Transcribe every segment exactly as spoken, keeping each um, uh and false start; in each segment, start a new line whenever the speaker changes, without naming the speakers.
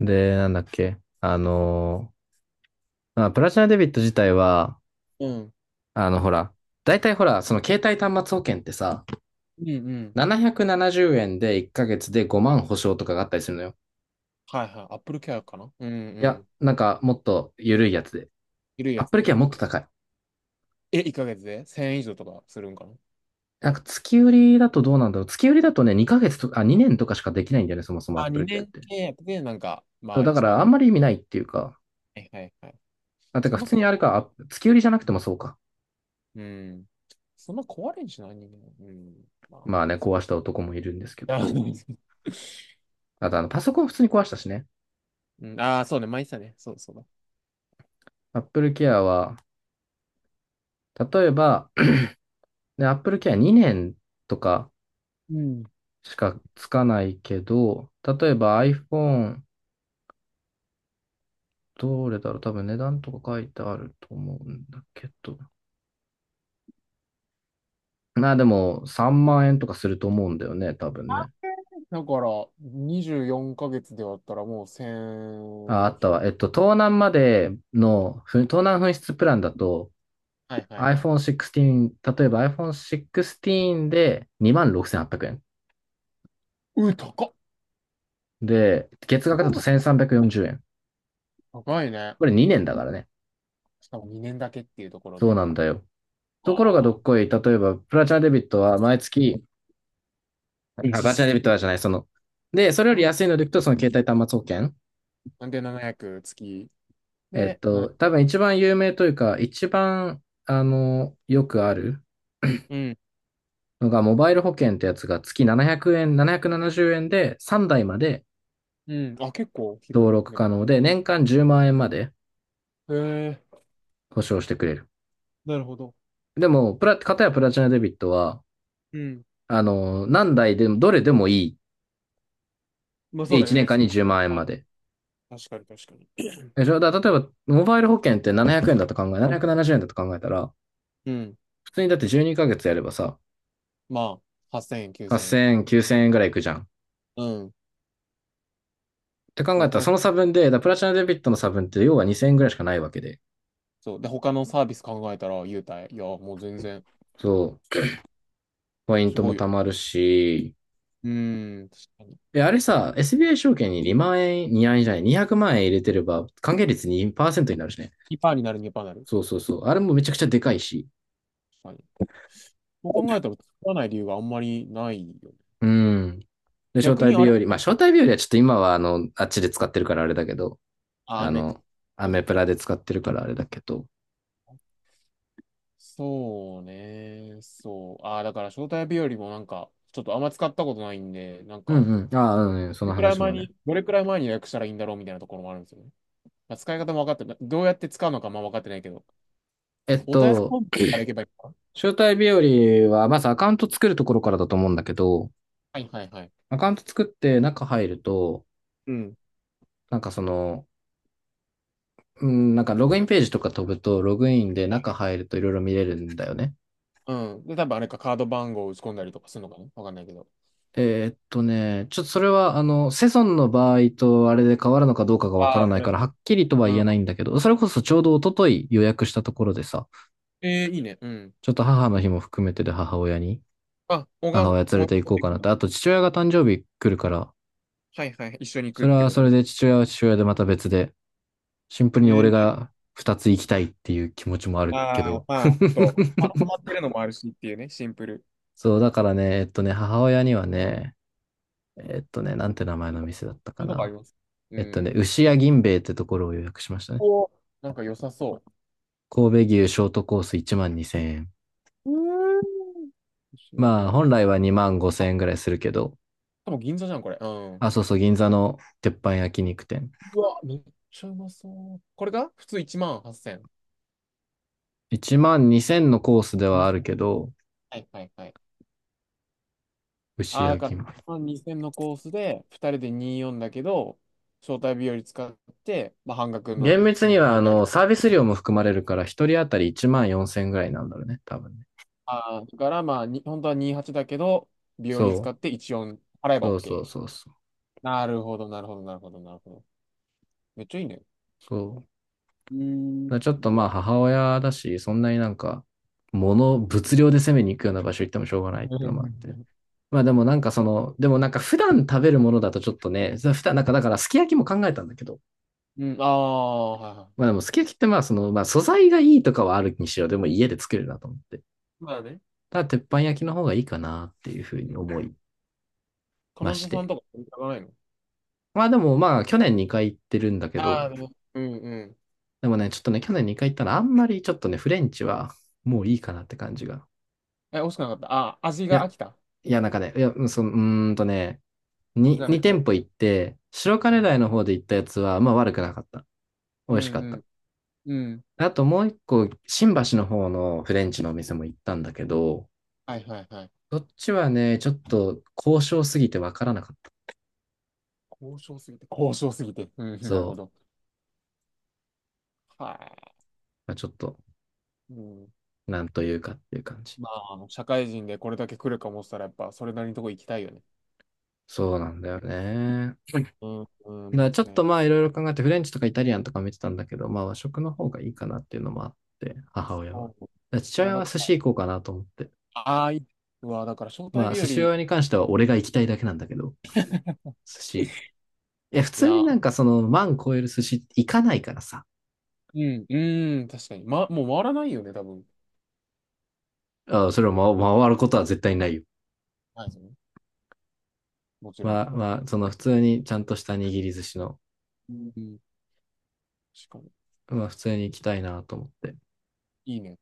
で、なんだっけ。あのーまあ、プラチナデビット自体は、
うん。
あの、ほら、大体ほら、その携帯端末保険ってさ、
うんうん。
ななひゃくななじゅうえんでいっかげつでごまん保証とかがあったりするのよ。
はいはい。アップルケアかな、うんう
いや、
ん。
なんかもっと緩いやつで。
緩い
ア
や
ッ
つ
プルケ
で。
アもっと高い。
え、いっかげつでせんえん以上とかするんかな。
なんか月売りだとどうなんだろう。月売りだとね、にかげつとか、あ、にねんとかしかできないんだよね、そもそもアッ
あ、
プルケ
2
アっ
年
て。
契約で、なんか、
そ
ま
う、
あ
だか
1
ら
万。
あ
は
んまり意味ないっていうか、
いはいはい。
まあ、てか
そん
普
な
通
壊
に
れ、
あれか、あ月売りじゃなくてもそうか。
うん。そんな壊れんしない人間。うん。まあ、
まあね、
そ
壊した男もいるんですけ
う。あ
ど、
の
あとあの、パソコン普通に壊したしね。
うん、あー、そうね。毎日だね。そうそうだ。
Apple Care は、例えば、ね Apple Care にねんとか
うん。だか
しかつかないけど、例えば iPhone、どれだろう、多分値段とか書いてあると思うんだけど。まあでもさんまん円とかすると思うんだよね、多分ね。
ら、にじゅうよんかげつで割ったらもう
あ、あ
せん、
ったわ。えっと、盗難までの、ふ盗難紛失プランだと
はいはいは
iPhone
い。
じゅうろく、例えば iPhone じゅうろくでにまんろくせんはっぴゃくえん。
うー、高っ。
で、月額だとせんさんびゃくよんじゅうえん。
高いね。
これにねんだからね。
しかもにねんだけっていうところ
そう
で。
なんだよ。ところがど
わあ。
っこい、例えば、プラチナデビットは毎月、あ、プラチナ
実
デビットは
質。
じゃない、その、で、それより安いのでいくと、その携帯端末保険。
んで、ななひゃくげつ。
えっ
で、
と、
なな
多分一番有名というか、一番、あの、よくある
な、うん。
のが、モバイル保険ってやつが月ななひゃくえん、ななひゃくななじゅうえんでさんだいまで
うん。あ、結構広
登
い。
録
でも。
可能で、
うん。
年間10万円まんえんまで
へえ、
保証してくれる。
なるほど。
でも、プラ、片やプラチナデビットは、
うん。
あの、何台でも、どれでもいい。
まあそ
で、
うだ
1
ね、
年
別
間
に。
に10万円まんえんまで。
確かに、確かに。
え、じゃあ、だ例えば、モバイル保険ってななひゃくえんだと考え、ななひゃくななじゅうえんだと考えたら、
うん。
普通にだってじゅうにかげつやればさ、
まあ、はっせんえん、きゅうせんう、
はっせんえん、きゅうせんえんぐらいいくじゃん。っ
せんえん。うん、
て考
と
えた
プ
ら、
ラ
そ
ス
の差分で、だからプラチナデビットの差分って要はにせんえんぐらいしかないわけで。
そう。で、他のサービス考えたら、優待。いや、もう全然、
そう。ポイン
す
ト
ご
も
いよ。
貯まるし、
うん、確かに。
え、あれさ、エスビーアイ 証券ににまん円、にえんじゃない、にひゃくまん円入れてれば、還元率にパーセントになるしね。
にパーになる、にパーセントにな
そ
る。
うそうそう。あれもめちゃくちゃでかいし。
確かに。そう考えたら、作らない理由があんまりないよね。
うん。で、招
逆
待
にあ
日
れ、
和。まあ、招待日和はちょっと今は、あの、あっちで使ってるからあれだけど、
あ、ア
あ
メック
の、ア
ス。
メプラで使ってるからあれだけど。
そうね。そう。ああ、だから招待日よりもなんか、ちょっとあんま使ったことないんで、なん
う
か、ど
んうん。ああ、うん、そ
れ
の
くらい
話
前
もね。
に、どれくらい前に予約したらいいんだろうみたいなところもあるんですよね。まあ、使い方も分かってない。どうやって使うのかも分かってないけど。
えっ
お問い合わせフォ
と、
ームから行けばいいのかな。
招待日和は、まずアカウント作るところからだと思うんだけど、
はいはいはい。
アカウント作って中入ると、
うん。
なんかその、うん、なんかログインページとか飛ぶと、ログインで中入るといろいろ見れるんだよね。
うん。で、多分あれか、カード番号を打ち込んだりとかするのかな、わかんないけど。
えーっとね、ちょっとそれは、あの、セゾンの場合とあれで変わるのかどうかがわか
あ
ら
あ、
な
プ
い
ラ
から、
ス
は
ね。
っきりとは
う
言
ん。
えないんだけど、それこそちょうど一昨日予約したところでさ、
えー、いいね。うん。
ちょっと母の日も含めてで母親に、
あ、お母
母
さん、
親連
お
れ
母
て行
さん
こう
と行
か
くん
な
だ。
と。あと父親が誕生日来るから、
はいはい。一緒に行
そ
くっ
れ
て
は
こ
そ
と
れ
ね。
で父親は父親でまた別で、シンプル
え
に俺
ー、
が二つ行きたいっていう気持ちもあるけ
ああ、
ど。
まあ、ちょっと、まあハマっ てるのもあるしっていうね、シンプル。
そう、だからね、えっとね、母親にはね、えっとね、なんて名前の店だった
そう
か
いうとこあり
な。
ます。う
えっとね、
ん。
牛屋銀兵衛ってところを予約しましたね。
ここ、なんか良さそ
神戸牛ショートコースいちまんにせんえん。
う。うーん。石田
まあ、
銀兵
本
衛。
来はにまんごせんえんぐらいするけど、
多分銀座じゃん、これ。うん。
あ、そうそう、銀座の鉄板焼肉店。
うわ、めっちゃうまそう。これが普通いちまんはっせん。
いちまんにせんのコースで
う
はある
ん。
けど、
はいはいはい。
牛
ああ、
屋
だから、
銀
いちまんにせんのコースで、ふたりでにじゅうよんだけど、招待日より使って、まあ、半額の
厳密には、あ
じゅうにだけ。
の、サービス料も含まれるから、一人当たりいちまんよんせんぐらいなんだろうね、多分ね。
ああ、だからまあ、に本当はにじゅうはちだけど、日
そ
和使っ
う。
てじゅうよん払えば
そうそう
OK。
そうそう。
なるほど、なるほど、なるほど、なるほど。めっちゃいいね。
そう。だか
うーん、
らちょっと
う
まあ、
わ。
母親だし、そんなになんか、物、物量で攻めに行くような場所行ってもしょうがないってのもあって。まあでもなんかその、でもなんか普段食べるものだとちょっとね、普段なんかだからすき焼きも考えたんだけど、
うん、ああ、はいは
まあで
い。
もすき焼きってまあその、まあ素材がいいとかはあるにしろ、でも家で作れるなと思って。
まあね。
ただ鉄板焼きの方がいいかなっていうふう
う
に
ん、
思い
彼
まし
女さん
て。
とか見たくないの。
まあでもまあ去年にかい行ってるんだけ
あ
ど、
あ、でも、うんうん。
でもね、ちょっとね、去年にかい行ったらあんまりちょっとね、フレンチはもういいかなって感じが。
え、惜しくなかった。ああ、味
い
が
や、
飽きた。
いやなんかね、いや、うその、うーんとね、に、
にかいめ
に
行く
店
と。
舗行って、白
は
金
いは
台の
い。
方で行ったやつはまあ悪くなかった。美
う
味しかった。
んうん。うん。
あともう一個、新橋の方のフレンチのお店も行ったんだけど、
はいはいはい。
どっちはね、ちょっと高渉すぎてわからなかった。
交渉すぎて。交渉すぎて。うん、なる
そ
ほど。
う。
は
まあ、ちょっと、
い。うん。
なんというかっていう感じ。
まあ、社会人でこれだけ来るかもしたら、やっぱ、それなりのとこ行きたいよね。
そうなんだよね。
うん、うん、
ま
間
あ
違
ちょっ
いな
と
い。
まあいろいろ考えて、フレンチとかイタリアンとか見てたんだけど、まあ和食の方がいいかなっていうのもあって、母親は。だ
お
か
う、
ら父
いや、
親
だ
は
か
寿
ら、
司行こうかなと思って。
ああ、いい。うわ、だから、招待
まあ
日
寿
よ
司
り、
屋に関しては俺が行きたいだけなんだけど、寿司。いや、普
い
通に
や、
なんかその万超える寿司行かないからさ。
うん、うん、確かに。ま、もう回らないよね、多分。
あそれを回回ることは絶対ないよ。
はい、もちろん。
まあまあ、その普通にちゃんとした握り寿司の、
うん、しかも、
まあ普通に行きたいなと思って。
いいね。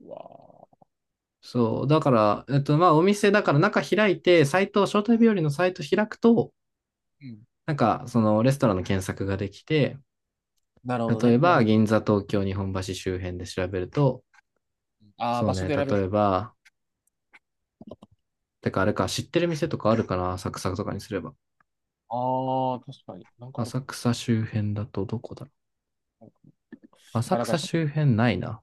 うわあ。
そう、だから、えっとまあお店だから中開いて、サイト、招待日和のサイト開くと、
うん。
なんか、そのレストランの検索ができて、
なるほど
例
ね。
え
もうほ
ば、
ん、
銀座、東京、日本橋周辺で調べると、
ああ、
そう
場所
ね、
で選べ
例
る。
えば、てかあれか、知ってる店とかあるかな、浅草とかにすれば。
ああ、確かに。なんかあるか
浅
な。
草周辺だとどこだろう。浅
あ、だから
草
し
周
ょ、
辺ないな。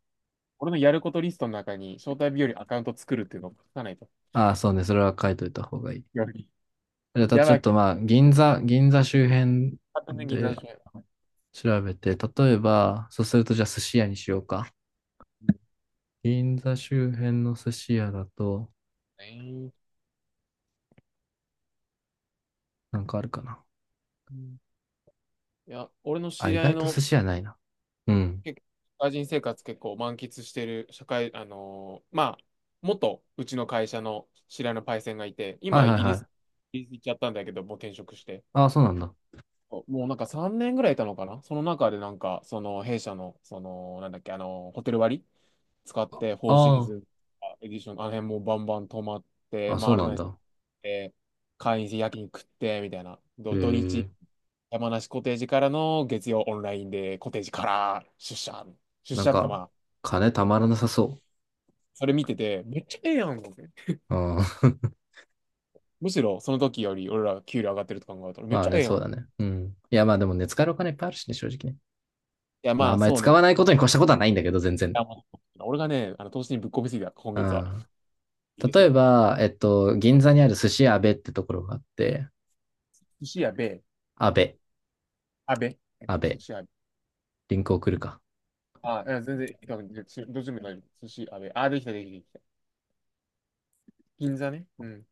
俺のやることリストの中に、招待日和アカウント作るっていうのを書かないと。
ああ、そうね、それは書いといた方がいい。
やばい。
じゃあ
や
ちょ
ば
っ
い。
と
完
まあ、銀座、銀座周辺
全に銀座
で
商。
調べて、例えば、そうするとじゃあ寿司屋にしようか。銀座周辺の寿司屋だと、
い
なんかあるかな。
や、俺の知
あ、意
り合い
外と
の、
寿司屋ないな。うん。
結構、社会人生活結構満喫してる、社会、あのーまあ、元うちの会社の知り合いのパイセンがいて、
はい
今イ
はい
ギ
は
リス、
い。
イギリス行っちゃったんだけど、もう転職して。
ああ、そうなんだ。
もうなんかさんねんぐらいいたのかな、その中でなんか、その弊社の、その、なんだっけ、あの、ホテル割使って、フォーシー
あ
ズンエディション、あの辺もうバンバン泊まっ
あ、
て、
あ、そう
回ら
なん
ない
だ。
で、会員制夜勤食って、みたいな。
え
ど土日、
え、
山梨コテージからの月曜オンラインで、コテージから出社。出
なん
社ってかま
か、
あ、
金たまらなさそ
それ見てて、めっちゃええやん。
う。うん。
むしろその時より俺ら給料上がってると考えたら、めっ
まあ
ちゃ
ね、
ええや
そう
ん。い
だね。うん。いや、まあでもね、使えるお金いっぱいあるしね、正直ね。
や
まあ、あ
ま
ん
あ
まり
そう
使
ね。い
わないことに越したことはないんだけど、全然。
やまあ俺がね、あの投資にぶっ込みすぎた、今
う
月は。
ん。
入れす
例え
ぎた。
ば、えっと、銀座にある寿司阿部ってところがあって、
寿司やべ、
阿部、
あべ、
阿部、
寿司やべ。
リンク送るか。
あ、いや全然、どっちでも大丈夫。寿司やべ。あ、できた、できた、できた。銀座ね。うん。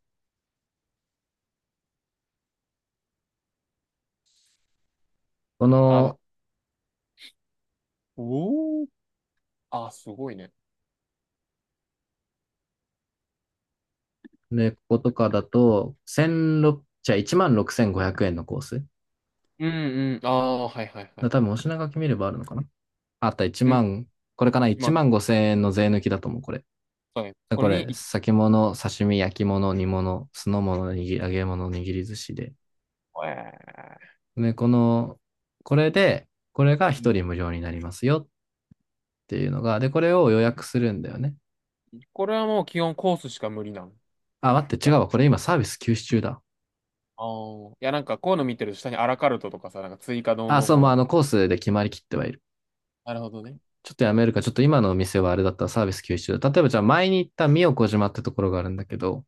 こ
あ、
の、
おー。あ、すごいね。
ね、こことかだと、じゅうろく、じゃあいちまんろくせんごひゃくえんのコース。
うんうん。ああ、はいはいは
だ
い
多
は
分、お
い。
品書き見ればあるのかなあった1
うん、
万、これかな？
ま
いち
あ、
万ごせん円の税抜きだと思う、これ。
そうね。これ
こ
に
れ、
行き、
先物、刺身、焼き物、煮物、酢の物、に揚げ物、握り寿司で。
えー、
で、この、これで、これが
う
一
ん、
人無料になりますよっていうのが、で、これを予約するんだよね。
これはもう基本コースしか無理なの。
あ、待って、違
やっ
う
ぱ、
わ。これ今サービス休止中だ。
あーいや、なんかこういうの見てると下にアラカルトとかさ、なんか追加どう
あ、
の
そう、も
こ
う
う
あ
の。
のコースで決まりきってはいる。
なるほどね。
ちょっとやめるか、ちょっと今のお店はあれだったらサービス休止中だ。例えばじゃあ前に行った宮古島ってところがあるんだけど、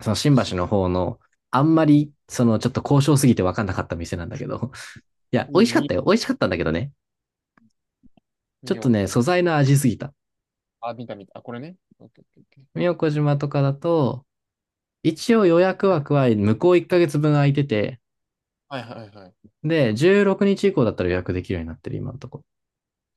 その新
寿司、
橋の方の、あんまり、そのちょっと交渉すぎて分かんなかった店なんだけど。いや、美味
に、
しかっ
に、
たよ。美味しかったんだけどね。ちょ
み
っと
よ
ね、
こ
素
に。
材の味すぎた。
あ、見た見た。あ、これね。オッケーオッケーオッケー。
宮古島とかだと、一応予約枠は向こういっかげつぶん空いてて、
はいはいはい。
で、じゅうろくにち以降だったら予約できるようになってる、今のとこ。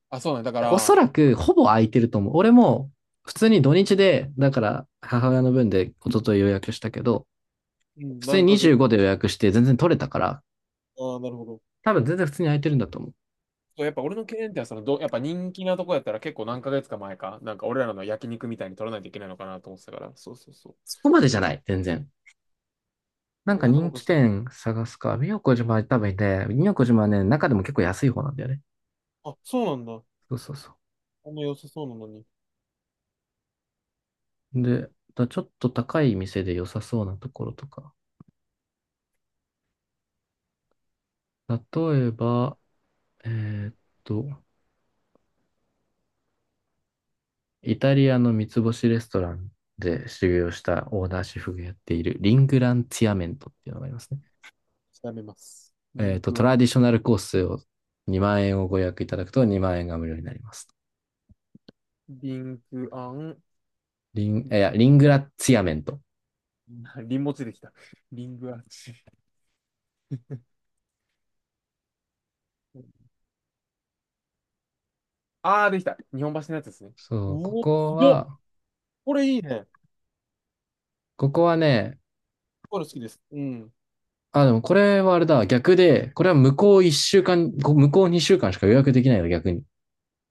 あ、そうなんだ。だか
ろおそ
ら、
らく、ほぼ空いてると思う。俺も、普通に土日で、だから、母親の分で一昨日予約したけど、
うん、
普通
何
に
ヶ月。
にじゅうごで予約して全然取れたから、
ああ、なるほど。
多分全然普通に空いてるんだと思う。
そうやっぱ俺の経験ってそのど、やっぱ人気なとこやったら結構何ヶ月か前か、なんか俺らの焼肉みたいに取らないといけないのかなと思ってたから、そうそうそう。
そこまでじゃない、全然。
あ
なん
れ
か
がと
人
もか
気
し、
店探すか。宮古島は多分いて、宮古島はね、中でも結構安い方なんだよね。
あ、そうなんだ。
そうそうそ
あんま良さそうなのに。
う。で、だからちょっと高い店で良さそうなところとか。例えば、えーっと、イタリアの三つ星レストランで修行したオーナーシェフがやっているリングランツィアメントっていうのがありますね。
調べます。リ
えー
ン
っと、
ク
ト
アン、
ラディショナルコースをにまん円をご予約いただくとにまん円が無料になります。
リンクアン、
リン、いや、リングラツィアメント。
リンモチできた。リングアンチ。あー、できた。日本橋のやつですね。
そ
う
う、こ
お、
こ
すごっ。
は、
これいいね。
ここはね、
これ好きです。うん。
あ、でもこれはあれだ、逆で、これは向こう一週間、こ向こう二週間しか予約できないの、逆に。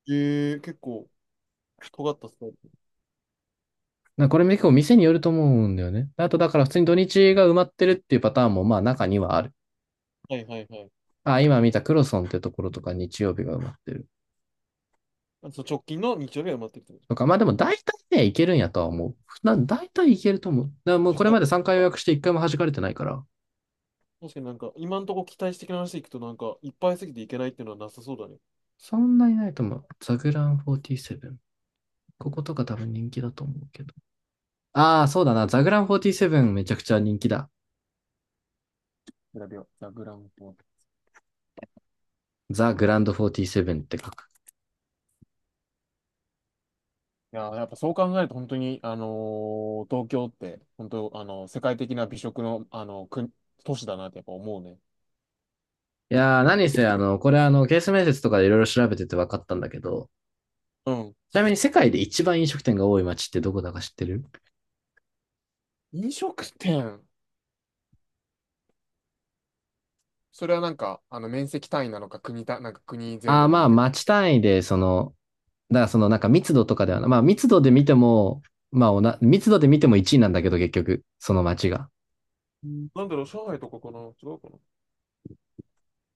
ええ、結構、尖ったスタイル。
なこれ結構店によると思うんだよね。あとだから普通に土日が埋まってるっていうパターンもまあ中にはある。
はいはいはい。
あ、今見たクロソンってところとか日曜日が埋まってる。
あ、そう、直近の日曜日は埋まってるってこ
とか、まあでも大体ね、いけるんやとは思う。な、大体いけると思う。だからもうこれま
と。
でさんかい予約していっかいも弾かれてないから、
確かになんか、今のところ期待してきな話でいくと、なんか、いっぱいすぎていけないっていうのはなさそうだね。
そんなにないと思う。ザグランよんじゅうなな。こことか多分人気だと思うけど。ああ、そうだな。ザグランよんじゅうななめちゃくちゃ人気だ。
グラビア、ザ・グランポ。
ザ・グランドよんじゅうななって書く。
いやー、やっぱそう考えると、本当に、あのー東京って、本当、あのー世界的な美食の、あのー国都市だなってやっぱ思うね。やっ
いやー、
ぱり。
何せ、あの、これあの、ケース面接とかでいろいろ調べてて分かったんだけど、
うん。
ちなみに世界で一番飲食店が多い街ってどこだか知ってる？
飲食店。それはなんか、あの、面積単位なのか、国た、なんか国全
ああ、
土で
まあ、
見て。
街単位で、その、だからそのなんか密度とかではなまあ密度で見ても、まあおな、密度で見てもいちいなんだけど結局、その街が。
うん、なんだろう、上海とかかな、違うかな。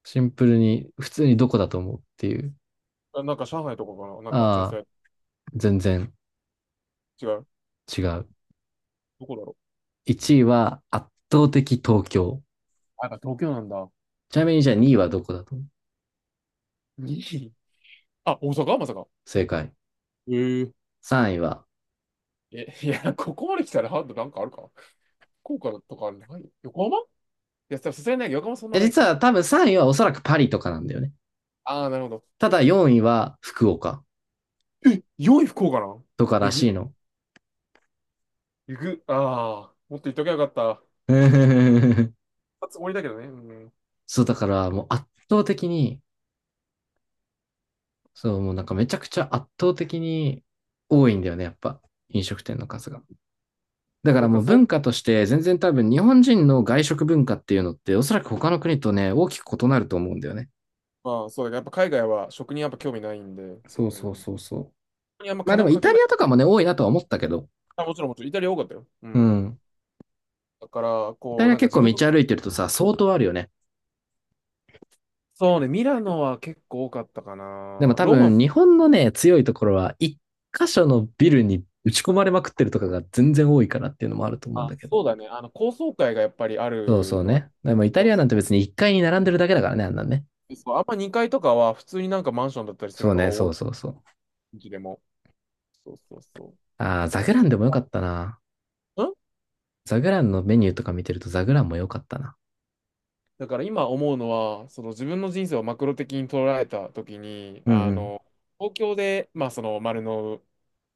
シンプルに、普通にどこだと思うっていう。
あ、なんか上海とかかな、なんか、じゃあそ
ああ、
れ、
全然
違う。
違う。
どこだろ
いちいは圧倒的東京。
う。あ、やっぱ東京なんだ。
ちなみにじゃあにいはどこだと思う？
いい、あ、大阪まさか。
正解。
ええ。
さんいは
え、いや、ここまで来たらハード、なんかあるか。福岡とかない、横浜、いや、さすがにない。横浜そんなない
実
か。
は多分さんいはおそらくパリとかなんだよね。
ああ、なるほど。
ただよんいは福岡
え、良い福岡なん、
とから
えぐ、
しいの。
えぐ、ああ、もっと言っときゃよかった。初終わりだけどね。うん。
そう、だからもう圧倒的に、そう、もうなんかめちゃくちゃ圧倒的に多いんだよね、やっぱ。飲食店の数が。だか
な
ら
ん
も
か
う文
そ
化として全然多分日本人の外食文化っていうのっておそらく他の国とね、大きく異なると思うんだよね。
う、まあそうだけど、やっぱ海外は食にやっぱ興味ないんで、
そう
う
そう
ん。
そうそう。
にあんま
まあで
金
も
を
イ
かけ
タ
な
リ
い。
アとかもね、多いなとは思ったけど。
あ、もちろんもちろん、イタリア多かったよ。う
う
ん。
ん。
だから、
イタ
こう、
リア
なんか
結
自
構
分の、
道歩いてるとさ、相当あるよね。
そうね、ミラノは結構多かったかな。
でも多
ローマ
分
も、
日本のね、強いところは、一箇所のビルに打ち込まれまくってるとかが全然多いからっていうのもあると思うん
あ、
だけど。
そうだね。あの、高層階がやっぱりあ
そうそ
る
う
のは、
ね。でもイタ
そ
リ
う
ア
そ
なんて別にいっかいに並んでるだけだからね、あんなんね。
う、そう、あんまにかいとかは普通になんかマンションだったりす
そ
る
う
のが
ね、そ
多
う
い、
そうそう。
うちでも。そうそうそ
ああ、ザグランでもよ
う。
かったな。
うん、
ザグランのメニューとか見てるとザグランもよかったな。
だから今思うのは、その自分の人生をマクロ的に捉えたときに、
うんう
あ
ん。
の、東京で、まあその丸の、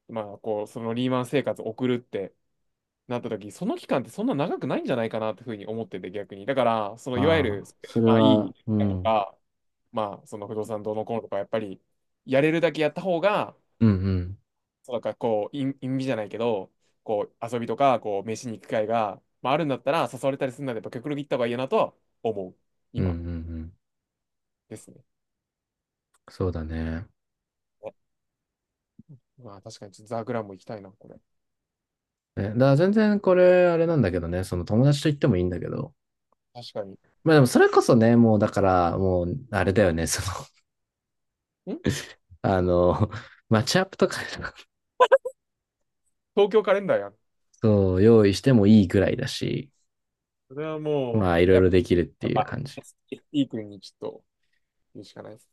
まあこう、そのリーマン生活を送るってなったとき、その期間ってそんな長くないんじゃないかなってふうに思ってて、逆に。だから、そのいわゆ
ま
る、
あ、それ
まあい
は、
い
う
と
ん。
か、まあその不動産どうのこうのとか、やっぱりやれるだけやった方が、
うんうん。
そうなんからこう、意意味じゃないけど、こう、遊びとか、こう、飯に行く機会が、まあ、あるんだったら、誘われたりするなら、やっぱ極力行った方がいいなとは思う。
うんうんう
今
ん。
ですね。
そうだね。
あ、まあ、確かに、ちょっとザ・グランも行きたいな、これ。
え、だから全然これ、あれなんだけどね、その友達と行ってもいいんだけど、
確かに。
まあでもそれこそね、もうだから、もうあれだよね、その、
ん、
あの、マッチアップとか
東京カレンダーやん。
そう、用意してもいいぐらいだし、
それはも
まあいろ
う、
い
やっ
ろできるって
ぱ、
い
ま
う
あ
感じ。
スティークにちょっと、言うしかないです。